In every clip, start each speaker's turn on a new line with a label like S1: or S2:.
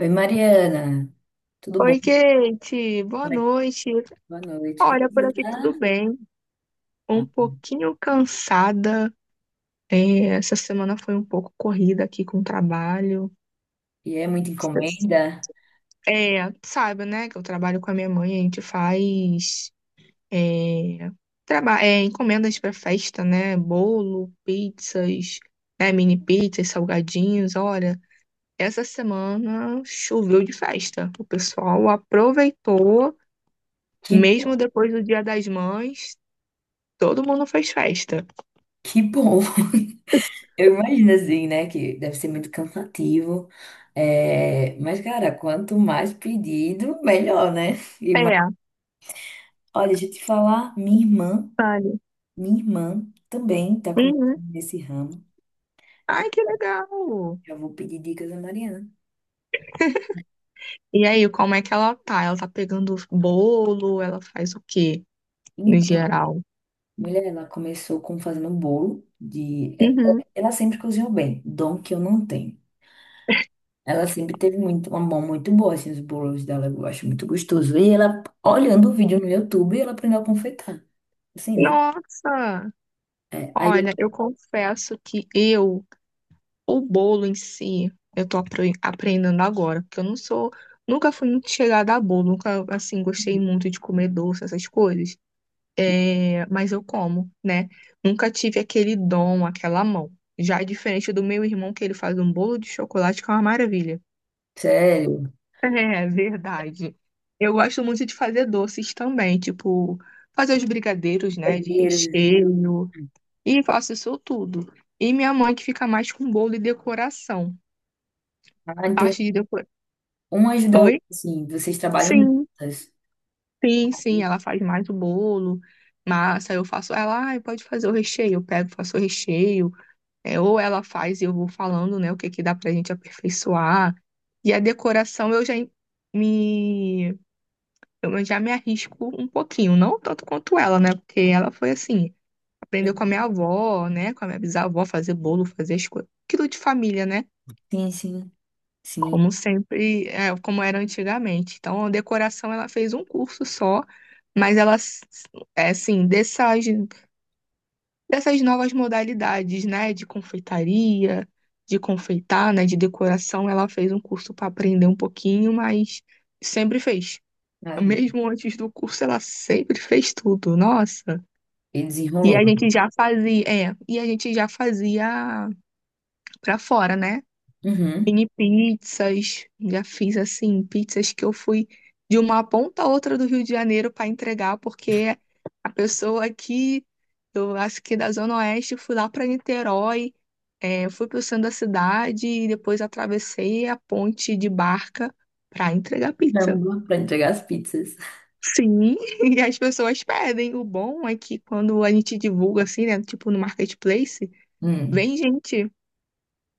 S1: Oi, Mariana, tudo bom?
S2: Oi, Kate, boa
S1: Tá?
S2: noite.
S1: Boa noite. Como é
S2: Olha,
S1: que
S2: por
S1: você
S2: aqui tudo
S1: tá?
S2: bem. Um
S1: Ah,
S2: pouquinho cansada. É, essa semana foi um pouco corrida aqui com o trabalho.
S1: e é muita encomenda?
S2: É, sabe, né, que eu trabalho com a minha mãe, a gente faz é, encomendas para festa, né? Bolo, pizzas, né, mini pizzas, salgadinhos. Olha, essa semana choveu de festa. O pessoal aproveitou,
S1: Que,
S2: mesmo depois do Dia das Mães. Todo mundo fez festa.
S1: que bom! Eu imagino assim, né, que deve ser muito cansativo. É, mas, cara, quanto mais pedido, melhor, né?
S2: É,
S1: Olha, deixa eu te falar, minha irmã,
S2: sabe?
S1: minha irmã também tá começando
S2: Uhum.
S1: nesse ramo.
S2: Ai, que legal!
S1: Já vou pedir dicas a Mariana.
S2: E aí, como é que ela tá? Ela tá pegando bolo? Ela faz o quê, no
S1: Então,
S2: geral?
S1: mulher, ela começou com fazendo bolo de.
S2: Uhum.
S1: Ela sempre cozinhou bem, dom que eu não tenho. Ela sempre teve muito, uma mão muito boa, assim, os bolos dela, eu acho muito gostoso. E ela, olhando o vídeo no YouTube, ela aprendeu a confeitar, assim, né?
S2: Nossa!
S1: É,
S2: Olha,
S1: aí,
S2: eu confesso que o bolo em si, eu tô aprendendo agora, porque eu não sou, nunca fui muito chegada a bolo, nunca, assim, gostei muito de comer doce, essas coisas. É, mas eu como, né? Nunca tive aquele dom, aquela mão. Já é diferente do meu irmão, que ele faz um bolo de chocolate que é uma maravilha.
S1: Sério,
S2: É verdade. Eu gosto muito de fazer doces também, tipo, fazer os brigadeiros, né, de
S1: brincadeiras. Assim,
S2: recheio, e faço isso tudo. E minha mãe que fica mais com bolo e decoração.
S1: ah, então,
S2: Parte de decoração.
S1: uma ajuda a outra,
S2: Oi?
S1: assim, vocês trabalham
S2: Sim,
S1: juntas.
S2: sim, sim, ela faz mais o bolo, massa, eu faço. Ela, ai, pode fazer o recheio, eu pego, faço o recheio. É, ou ela faz e eu vou falando, né, o que que dá pra gente aperfeiçoar. E a decoração me eu já me arrisco um pouquinho, não tanto quanto ela, né? Porque ela foi assim, aprendeu com a minha avó, né, com a minha bisavó fazer bolo, fazer as coisas, aquilo de família, né?
S1: Sim, sim, sim.
S2: Como sempre, é, como era antigamente. Então, a decoração ela fez um curso só, mas ela s- é assim, dessas novas modalidades, né, de confeitaria, de confeitar, né, de decoração. Ela fez um curso para aprender um pouquinho, mas sempre fez.
S1: Sabe?
S2: Mesmo antes do curso, ela sempre fez tudo. Nossa.
S1: E
S2: E
S1: desenrolou.
S2: a gente já fazia, é, e a gente já fazia para fora, né?
S1: Uhum.
S2: Mini pizzas, já fiz assim, pizzas que eu fui de uma ponta a outra do Rio de Janeiro para entregar, porque a pessoa aqui, eu acho que da Zona Oeste, fui lá para Niterói, é, eu fui para o centro da cidade e depois atravessei a ponte de barca para entregar pizza.
S1: Caramba, pra entregar as pizzas.
S2: Sim, e as pessoas pedem. O bom é que quando a gente divulga assim, né, tipo no marketplace,
S1: Hum.
S2: vem gente,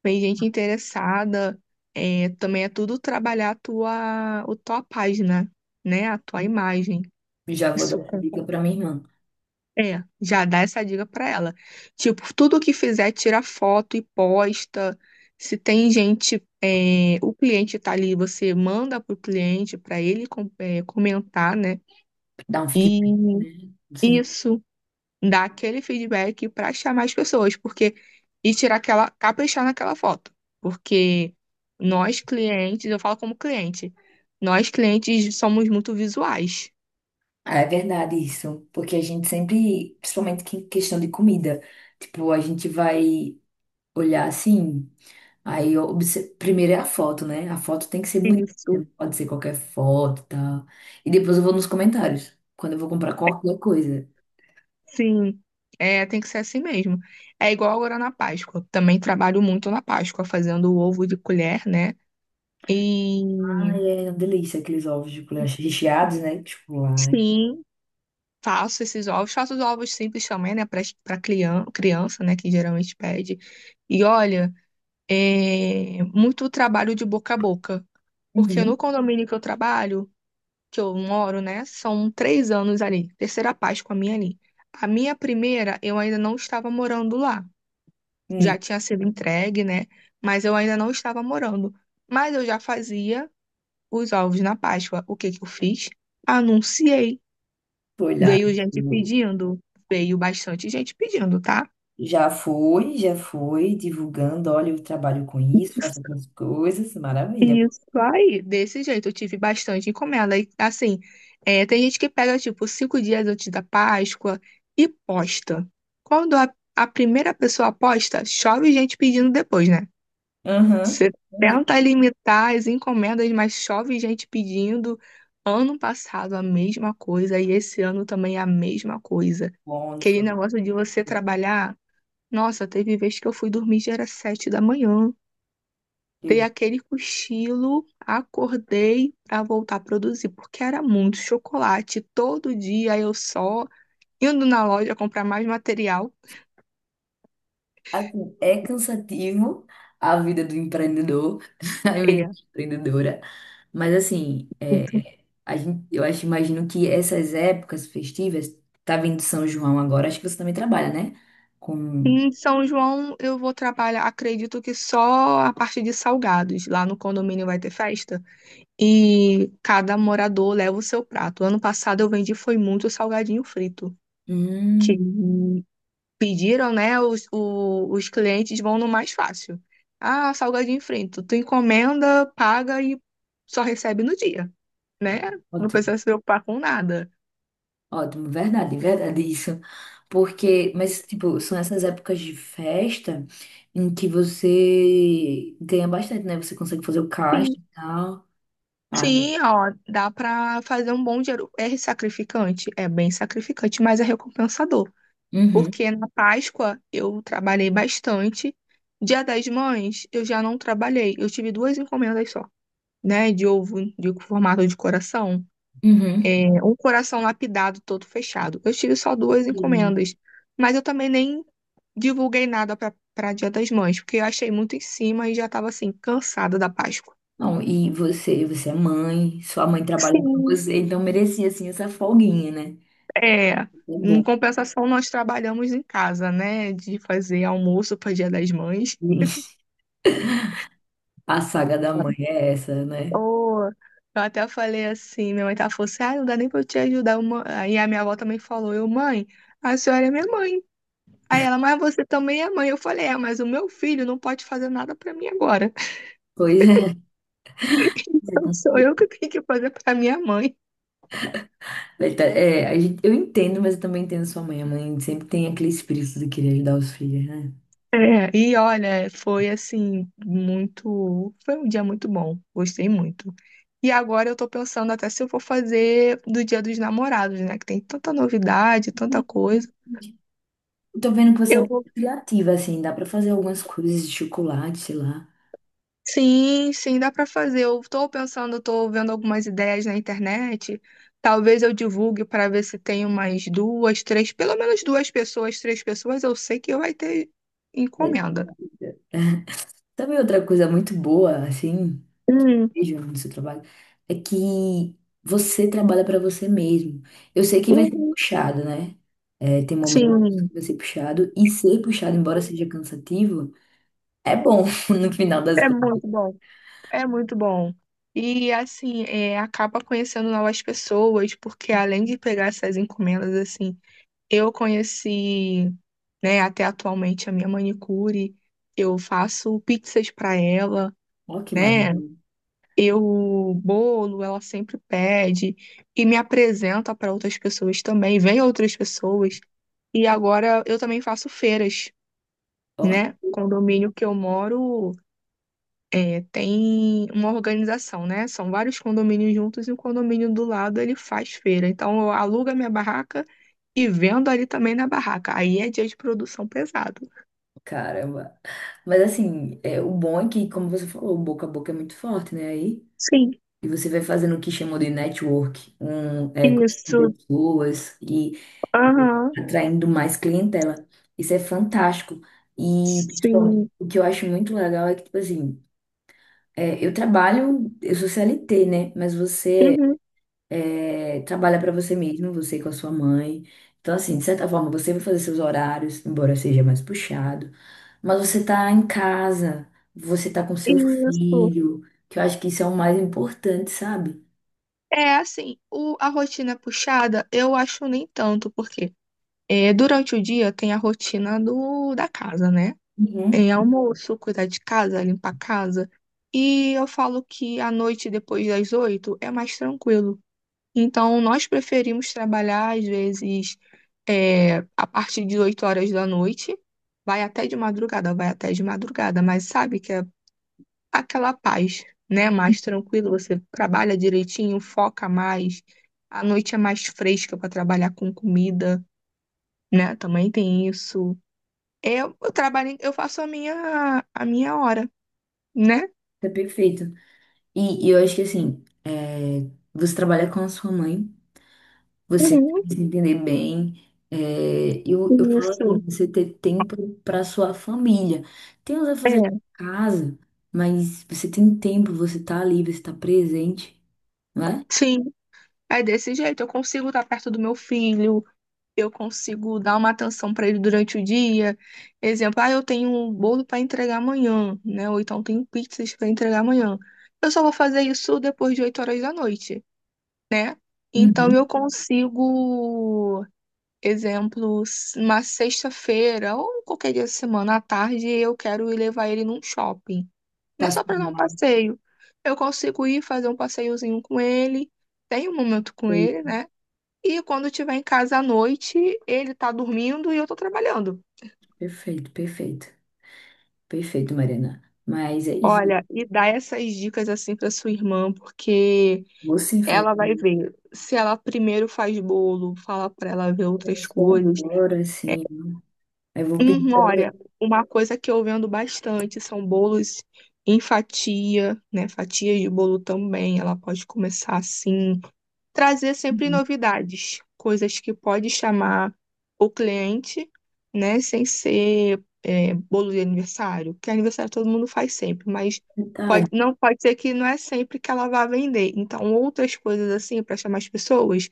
S2: vem gente interessada. É, também é tudo trabalhar a tua página, né, a tua imagem.
S1: Já vou dar
S2: Isso.
S1: essa dica pra minha irmã.
S2: É, já dá essa dica pra ela. Tipo, tudo que fizer, tira foto e posta. Se tem gente, é, o cliente tá ali, você manda pro cliente pra ele comentar, né?
S1: Dar um
S2: E
S1: feedback, né? Sim.
S2: isso dá aquele feedback pra chamar as pessoas, porque caprichar naquela foto, porque nós clientes, eu falo como cliente, nós clientes somos muito visuais.
S1: Ah, é verdade isso, porque a gente sempre, principalmente questão de comida, tipo, a gente vai olhar assim, primeiro é a foto, né? A foto tem que ser bonita,
S2: Isso.
S1: não pode ser qualquer foto e tal. E depois eu vou nos comentários, quando eu vou comprar qualquer coisa.
S2: Sim, é, tem que ser assim mesmo. É igual agora na Páscoa. Também trabalho muito na Páscoa, fazendo o ovo de colher, né? E
S1: Ai, é uma delícia aqueles ovos de colher recheados, né? Tipo, lá.
S2: sim, faço esses ovos. Faço os ovos simples também, né? Para criança, criança, né? Que geralmente pede. E olha, é muito trabalho de boca a boca. Porque
S1: Uhum.
S2: no condomínio que eu trabalho, que eu moro, né? São 3 anos ali. Terceira Páscoa minha ali. A minha primeira, eu ainda não estava morando lá.
S1: Hum,
S2: Já tinha sido entregue, né? Mas eu ainda não estava morando. Mas eu já fazia os ovos na Páscoa. O que que eu fiz? Anunciei.
S1: vou olhar.
S2: Veio gente pedindo, Veio bastante gente pedindo, tá?
S1: Já foi divulgando, olha, eu trabalho com isso, faço algumas coisas, maravilha.
S2: Isso aí, desse jeito, eu tive bastante encomenda. E, assim, é, tem gente que pega, tipo, 5 dias antes da Páscoa e posta. Quando a primeira pessoa posta, chove gente pedindo depois, né?
S1: Aham.
S2: Você tenta limitar as encomendas, mas chove gente pedindo. Ano passado a mesma coisa e esse ano também a mesma coisa. Aquele
S1: Wonderful.
S2: negócio de você trabalhar. Nossa, teve vez que eu fui dormir já era 7 da manhã. Dei
S1: E,
S2: aquele cochilo, acordei pra voltar a produzir, porque era muito chocolate. Todo dia eu só indo na loja comprar mais material.
S1: assim, é cansativo a vida do empreendedor, a vida
S2: É.
S1: de empreendedora, mas assim, é, a gente, eu acho, imagino que essas épocas festivas, tá vindo São João agora, acho que você também trabalha, né? Com...
S2: Em São João, eu vou trabalhar, acredito que só a parte de salgados. Lá no condomínio vai ter festa e cada morador leva o seu prato. Ano passado eu vendi foi muito salgadinho frito, que
S1: Hum,
S2: pediram, né? Os clientes vão no mais fácil. Ah, salgadinho frito, tu encomenda, paga e só recebe no dia, né? Não
S1: ótimo,
S2: precisa se preocupar com nada.
S1: ótimo, verdade, verdade isso. Porque, mas, tipo, são essas épocas de festa em que você ganha bastante, né? Você consegue fazer o caixa e tal. Ah,
S2: Sim, ó, dá pra fazer um bom dinheiro. É sacrificante, é bem sacrificante, mas é recompensador.
S1: uhum,
S2: Porque na Páscoa eu trabalhei bastante. Dia das Mães eu já não trabalhei. Eu tive duas encomendas só, né? De ovo de formato de coração.
S1: uhum.
S2: É, um coração lapidado todo fechado. Eu tive só duas
S1: Sim.
S2: encomendas. Mas eu também nem divulguei nada pra Dia das Mães, porque eu achei muito em cima e já tava assim, cansada da Páscoa.
S1: Não, e você é mãe, sua mãe trabalha com
S2: Sim.
S1: você, então merecia assim essa folguinha, né?
S2: É,
S1: É
S2: em
S1: bom.
S2: compensação, nós trabalhamos em casa, né? De fazer almoço para Dia das Mães.
S1: A saga da mãe é essa, né?
S2: Oh, eu até falei assim, minha mãe falou assim, ah, não dá nem pra eu te ajudar. Aí a minha avó também falou, eu, mãe, a senhora é minha mãe. Aí ela, mas você também é mãe. Eu falei, é, mas o meu filho não pode fazer nada pra mim agora.
S1: Pois é. Você
S2: Sou
S1: confia.
S2: eu que tenho que fazer pra minha mãe.
S1: É, eu entendo, mas eu também entendo sua mãe. A mãe sempre tem aquele espírito de querer ajudar os filhos, né?
S2: É, e olha, foi assim, muito. Foi um dia muito bom, gostei muito. E agora eu tô pensando até se eu vou fazer do Dia dos Namorados, né? Que tem tanta novidade, tanta coisa.
S1: Verdade. Eu tô vendo que você é
S2: Eu
S1: muito
S2: vou.
S1: criativa, assim, dá pra fazer algumas coisas de chocolate, sei lá.
S2: Sim, sim, dá pra fazer. Eu tô pensando, tô vendo algumas ideias na internet. Talvez eu divulgue para ver se tem umas duas, três, pelo menos duas pessoas, três pessoas, eu sei que vai ter
S1: É,
S2: encomenda.
S1: sabe outra coisa muito boa, assim?
S2: Hum,
S1: Mesmo no seu trabalho é que você trabalha para você mesmo. Eu sei que vai ser
S2: uhum,
S1: puxado, né? É, tem momentos
S2: sim,
S1: que vai ser puxado, e ser puxado, embora seja cansativo, é bom no final das
S2: é
S1: contas.
S2: muito bom. É muito bom. E assim, é, acaba conhecendo novas pessoas, porque além de pegar essas encomendas, assim, eu conheci, né, até atualmente a minha manicure, eu faço pizzas para ela,
S1: Ó, que
S2: né?
S1: maravilha.
S2: Eu bolo, ela sempre pede e me apresenta para outras pessoas também, vem outras pessoas. E agora eu também faço feiras,
S1: Ó,
S2: né? Condomínio que eu moro. É, tem uma organização, né? São vários condomínios juntos e o condomínio do lado ele faz feira. Então eu alugo a minha barraca e vendo ali também na barraca. Aí é dia de produção pesado.
S1: caramba. Mas assim, é, o bom é que, como você falou, o boca a boca é muito forte, né? Aí,
S2: Sim,
S1: e você vai fazendo o que chamam de network, um, é, conhecendo
S2: isso.
S1: pessoas
S2: Aham.
S1: atraindo mais clientela. Isso é fantástico. E principalmente,
S2: Sim.
S1: o que eu acho muito legal é que, tipo assim, é, eu trabalho, eu sou CLT, né? Mas você
S2: Uhum.
S1: é, trabalha para você mesmo, você com a sua mãe. Então, assim, de certa forma, você vai fazer seus horários, embora seja mais puxado. Mas você tá em casa, você tá com seu
S2: Isso.
S1: filho, que eu acho que isso é o mais importante, sabe?
S2: É assim, a rotina puxada eu acho nem tanto, porque é, durante o dia tem a rotina da casa, né?
S1: Uhum.
S2: Almoço, cuidar de casa, limpar a casa. E eu falo que à noite, depois das oito, é mais tranquilo. Então, nós preferimos trabalhar, às vezes, é, a partir de 8 horas da noite, vai até de madrugada, vai até de madrugada, mas sabe que é aquela paz, né? Mais tranquilo, você trabalha direitinho, foca mais. A noite é mais fresca para trabalhar com comida, né? Também tem isso. Eu trabalho, eu faço a minha hora. Né?
S1: É perfeito. E eu acho que, assim, é, você trabalha com a sua mãe. Você
S2: Uhum,
S1: se entender bem. É, eu falo assim,
S2: isso.
S1: você ter tempo para sua família. Tem os
S2: É,
S1: afazeres de casa, mas você tem tempo, você tá ali, você tá presente, né?
S2: sim. É desse jeito. Eu consigo estar perto do meu filho, eu consigo dar uma atenção para ele durante o dia. Exemplo, ah, eu tenho um bolo para entregar amanhã, né? Ou então tenho pizzas para entregar amanhã. Eu só vou fazer isso depois de 8 horas da noite, né? Então eu
S1: Uhum.
S2: consigo, exemplo, uma sexta-feira ou qualquer dia da semana à tarde, eu quero ir levar ele num shopping. Não é
S1: Passa-
S2: só para dar um passeio. Eu consigo ir fazer um passeiozinho com ele, tenho um momento com ele,
S1: perfeito,
S2: né? E quando estiver em casa à noite, ele tá dormindo e eu tô trabalhando.
S1: perfeito, perfeito, perfeito, Mariana. Mas é isso.
S2: Olha, e dá essas dicas assim para sua irmã, porque
S1: Você fala
S2: ela vai
S1: comigo
S2: ver. Se ela primeiro faz bolo, fala para ela ver
S1: é
S2: outras
S1: só
S2: coisas.
S1: agora,
S2: É,
S1: assim. Eu vou pedir pra ela.
S2: olha, uma coisa que eu vendo bastante são bolos em fatia, né? Fatias de bolo também. Ela pode começar assim, trazer sempre novidades, coisas que pode chamar o cliente, né, sem ser é, bolo de aniversário, que aniversário todo mundo faz sempre, mas
S1: Tá,
S2: não pode ser que não é sempre que ela vá vender. Então, outras coisas assim para chamar as pessoas,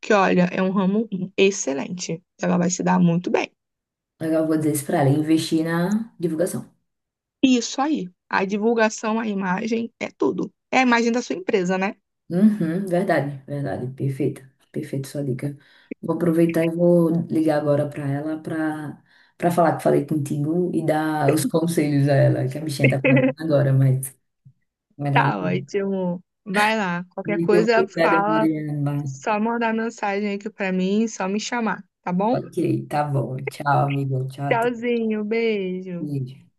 S2: que olha, é um ramo excelente, ela vai se dar muito bem.
S1: eu vou dizer isso pra ela, investir na divulgação.
S2: Isso aí, a divulgação, a imagem é tudo. É a imagem da sua empresa, né?
S1: Uhum, verdade, verdade, perfeita, perfeita sua dica. Vou aproveitar e vou ligar agora para ela para para falar que falei contigo e dar os conselhos a ela, que a bichinha tá começando agora, mas
S2: Tá
S1: maravilha.
S2: ótimo. Vai lá, qualquer
S1: Muito
S2: coisa
S1: obrigada,
S2: fala.
S1: Mariana.
S2: Só mandar mensagem aqui pra mim, só me chamar, tá bom?
S1: Ok, tá bom. Tchau, amigo. Tchau, até.
S2: Tchauzinho, beijo.
S1: Beijo.